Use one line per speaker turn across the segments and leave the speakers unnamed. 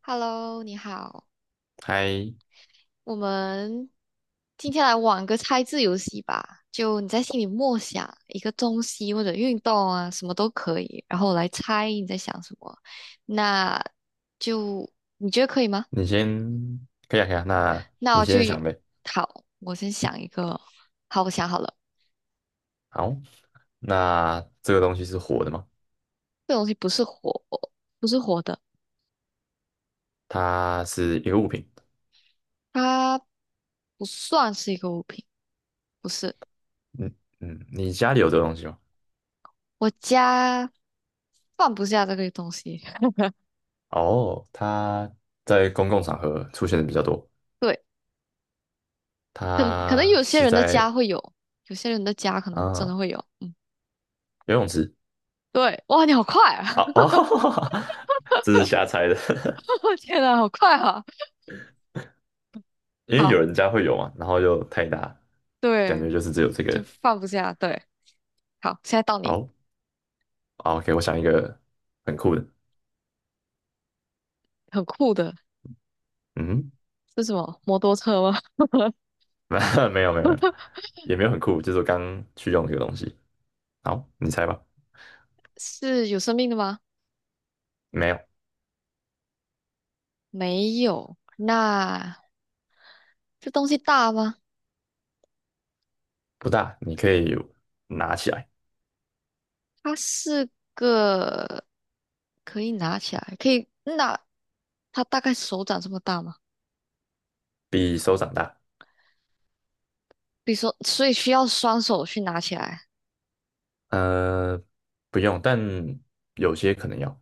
Hello，你好，
嗨，
我们今天来玩个猜字游戏吧。就你在心里默想一个东西或者运动啊，什么都可以，然后我来猜你在想什么。那就你觉得可以吗？
你先可以啊，可以啊。那
那
你
我就
先想呗。
好，我先想一个。好，我想好了，
好，那这个东西是活的吗？
这东西不是活，不是活的，
它是一个物品。
它不算是一个物品，不是。
嗯嗯，你家里有这个东西吗？
我家放不下这个东西，
哦，它在公共场合出现的比较多。
对。可能
它
有些
是
人的家
在
会有，有些人的家可能真的
啊
会有。嗯，
游泳池
对，哇，你好快
啊
啊！
哦，这是瞎猜的，
我天呐，好快啊！
因为有
好，
人家会有嘛，然后又太大，感
对，
觉就是只有这
就
个。
放不下。对，好，现在到你，
好，好，OK,我想一个很酷的。
很酷的，
嗯哼
是什么？摩托车吗？
没有没有没有，也没有很酷，就是我刚去用这个东西。好，你猜吧。
是有生命的吗？
没有，
没有。那这东西大吗？
不大，你可以拿起来，
它是个可以拿起来，可以那它大概手掌这么大吗？
比手掌大。
比如说，所以需要双手去拿起来，
呃，不用，但有些可能要，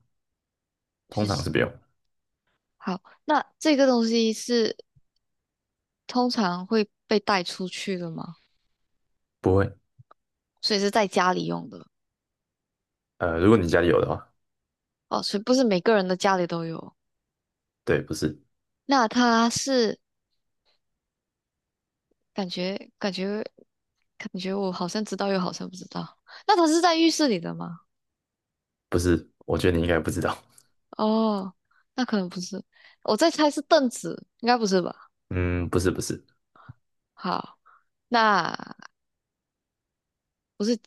通
就
常是
是。
不用，
好，那这个东西是通常会被带出去的吗？
不会。
所以是在家里用的
呃，如果你家里有的话，
哦，所以不是每个人的家里都有。
对，不是，
那它是感觉感觉感觉我好像知道又好像不知道。那它是在浴室里的吗？
不是，我觉得你应该不知道。
哦，那可能不是。我在猜是凳子，应该不是吧？
嗯，不是，不是，
好，那不是，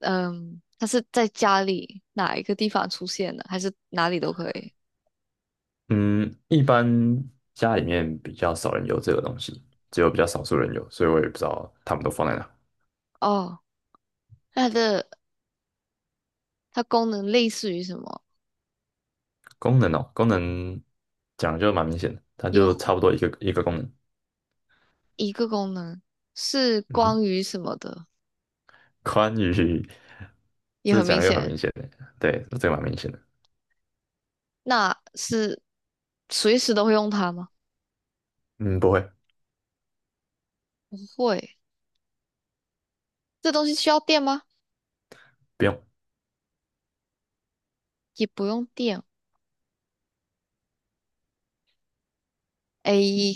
嗯，它是在家里哪一个地方出现的，还是哪里都可以？
嗯，一般家里面比较少人有这个东西，只有比较少数人有，所以我也不知道他们都放在哪。
哦，那它的。它功能类似于什么？
功能哦，功能讲得就蛮明显的，它
有
就差不多一个功能。
一个功能是
嗯哼，
关于什么的，
宽与
也
这个
很
讲
明
的就很
显。
明显的，对，这个蛮明显的。
那是随时都会用它吗？
嗯，不会，
不会。这东西需要电吗？
不用，
也不用电。A，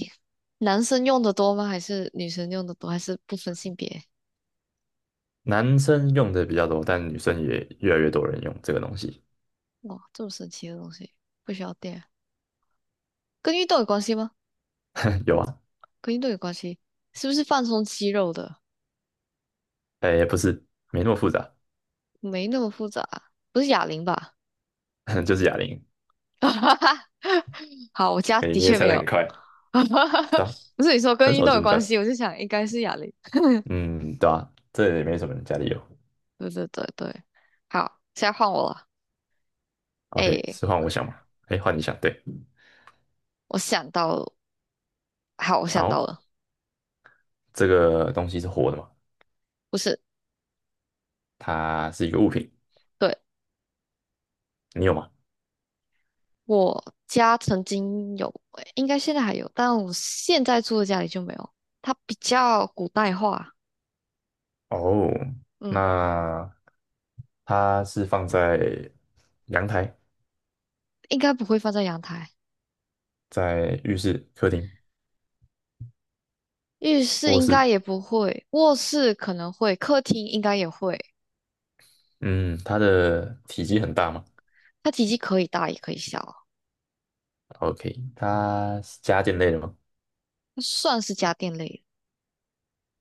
男生用的多吗？还是女生用的多？还是不分性别？
男生用的比较多，但女生也越来越多人用这个东西。
哇，这么神奇的东西，不需要电，跟运动有关系吗？
有啊，
跟运动有关系，是不是放松肌肉的？
哎，不是，没那么复杂，
没那么复杂，不是哑铃吧？
就是哑铃。
哈哈，好，我家
哎，
的
你也
确
猜
没
的
有。
很快，
哈哈，
对啊，
不是你说
很
跟运
少
动有
增加。
关系，我就想应该是哑铃。
嗯，对啊，这也没什么人家里有。
对对对对，好，现在换我了。
OK,
哎，
是换我想嘛？哎，换你想，对。
我想到了，好，我想到
好，
了，
这个东西是活的嘛？
不是，
它是一个物品，
对，
你有吗？
我家曾经有，诶应该现在还有，但我现在住的家里就没有。它比较古代化，
哦，
嗯，
那它是放在阳台、
应该不会放在阳台，
在浴室、客厅、
浴室
卧
应
室。
该也不会，卧室可能会，客厅应该也会。
嗯，它的体积很大吗
它体积可以大也可以小，
？OK,它是家电类的吗？
它算是家电类的，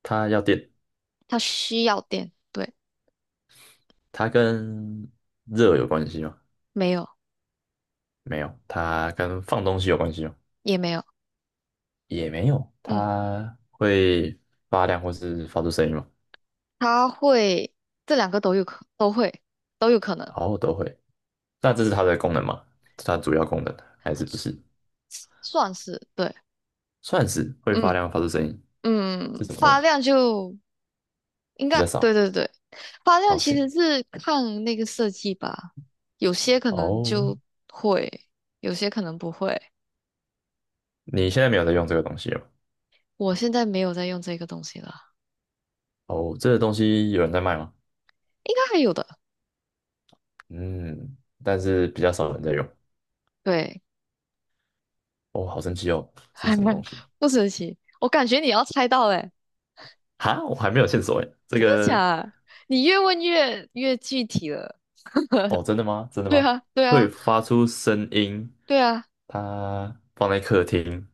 它要电，
它需要电，对，
它跟热有关系吗？
没有。
没有，它跟放东西有关系吗？
也没有，
也没有，
嗯，
它会发亮或是发出声音吗？
他会这两个都有可能，
哦，都会。那这是它的功能吗？它主要功能还是不
他
是？
算是对，
算是会发
嗯
亮发出声音，
嗯，
是什么东
发
西？
量就应
比
该
较
对
少。
对对，发量其
OK,
实是看那个设计吧，有些可能
哦，
就会，有些可能不会。
你现在没有在用这个东西了吗？
我现在没有在用这个东西了，
哦，这个东西有人在卖吗？
应该还有的，
嗯，但是比较少人在用。
对，
哦，好神奇哦，这是什么 东西？
不神奇，我感觉你要猜到嘞，
哈，我还没有线索哎。这
真的
个，
假的？你越问越越具体了
哦，真的吗？真的
对
吗？
啊对
会
啊。
发出声音，
对啊，
它放在客厅，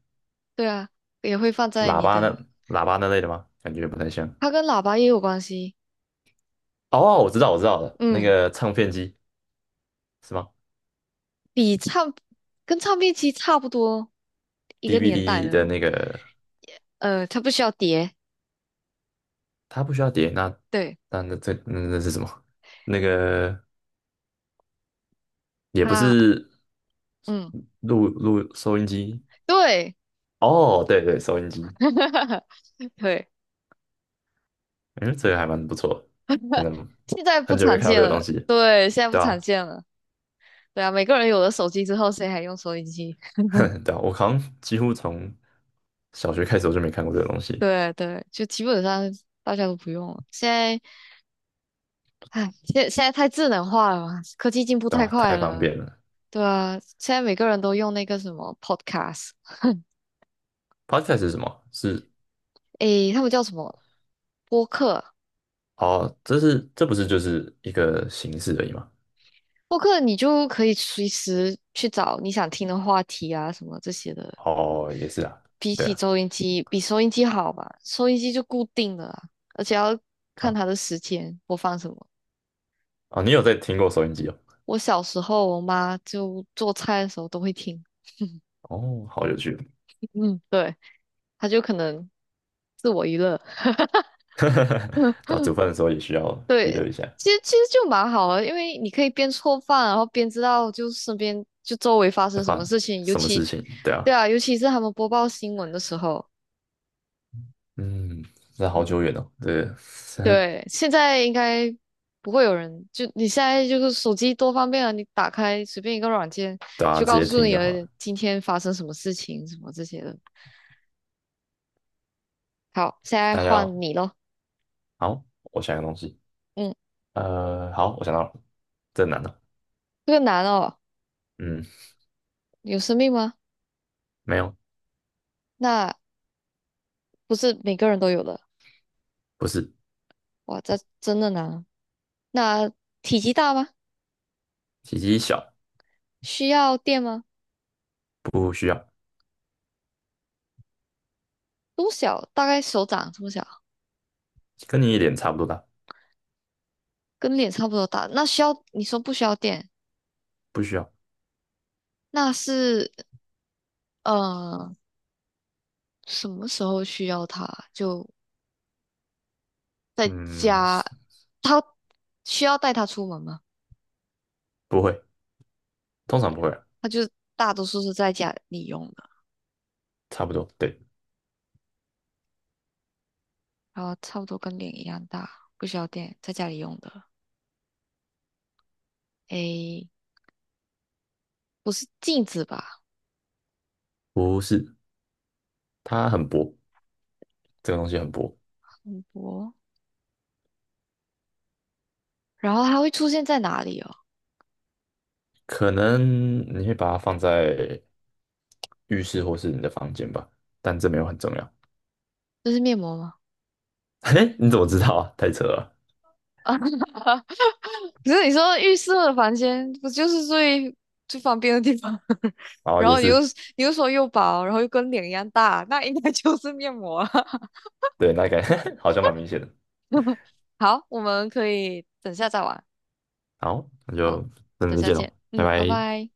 对啊，也会放在
喇
你
叭那
的，
喇叭那类的吗？感觉不太像。
它跟喇叭也有关系。
哦，我知道，我知道了，那
嗯，
个唱片机是吗
比唱跟唱片机差不多一个年代
？DVD 的那
的。
个，
它不需要碟，
它不需要碟，那
对
那那这那那是什么？那个也不
它，
是
嗯，
收音机
对
哦，对对，收音机，
对，
嗯，这个还蛮不错的真的
现在不
很久没
常
看到
见
这个东
了，
西了，
对，现在不
对
常
啊，
见了。对啊，每个人有了手机之后，谁还用收音机？
对啊，我好像几乎从小学开始我就没看过这个东西，
对对，就基本上大家都不用了。现在，唉，现在太智能化了嘛，科技进步
对
太
啊，
快
太方
了。
便了。
对啊，现在每个人都用那个什么 Podcast。
Podcast 是什么？
诶，他们叫什么播客？
是这不是就是一个形式而已吗？
播客你就可以随时去找你想听的话题啊，什么这些的。
哦，也是啊，
比
对
起
啊，
收音机，比收音机好吧？收音机就固定了啊，而且要
对
看
啊，
它的时间播放什么。
哦，你有在听过收音机哦？
我小时候，我妈就做菜的时候都会听，
哦，好有趣，
嗯，对，她就可能自我娱乐。
到煮饭 的时候也需要娱
对，
乐一下。
其实就蛮好的，因为你可以边做饭，然后边知道就身边就周围发
在
生什
发
么事情，尤
什么
其，
事情？对啊，
对啊，尤其是他们播报新闻的时候，
嗯，这好
嗯，
久远哦，对，
对，现在应该不会有人，就你现在就是手机多方便啊，你打开随便一个软件，
对啊，
就
直
告
接
诉
听
你
就
了
好了。
今天发生什么事情，什么这些的。好，现在
那要
换你咯，
好，我想一个东西，
嗯，
呃，好，我想到了，这难的，
这个难哦，
嗯，
有生命吗？
没有，
那不是每个人都有的，
不是，
哇，这真的难啊那体积大吗？
体积小，
需要垫吗？
不需要，
多小？大概手掌这么小，
跟你脸差不多大，
跟脸差不多大。那需要，你说不需要垫，
不需要，
那是呃什么时候需要它？就在
嗯，
家，
是
他需要带它出门吗？
不会，通常不会啊，
他就大多数是在家里用的，
差不多，对，
然后差不多跟脸一样大，不需要垫，在家里用的。诶，不是镜子吧？
不是，它很薄，这个东西很薄，
很薄。然后它会出现在哪里哦？
可能你会把它放在浴室或是你的房间吧，但这没有很重要。
这是面膜吗？
嘿，你怎么知道啊？太扯了。
可是你说浴室的房间，不就是最方便的地方？
然后
然
也
后你又
是，
你又说又薄，然后又跟脸一样大，那应该就是面膜了
对，那个 好像蛮明显的。
好，我们可以等下再玩，
好，那就等
等
再
下
见喽，
见。
拜
嗯，拜
拜。
拜。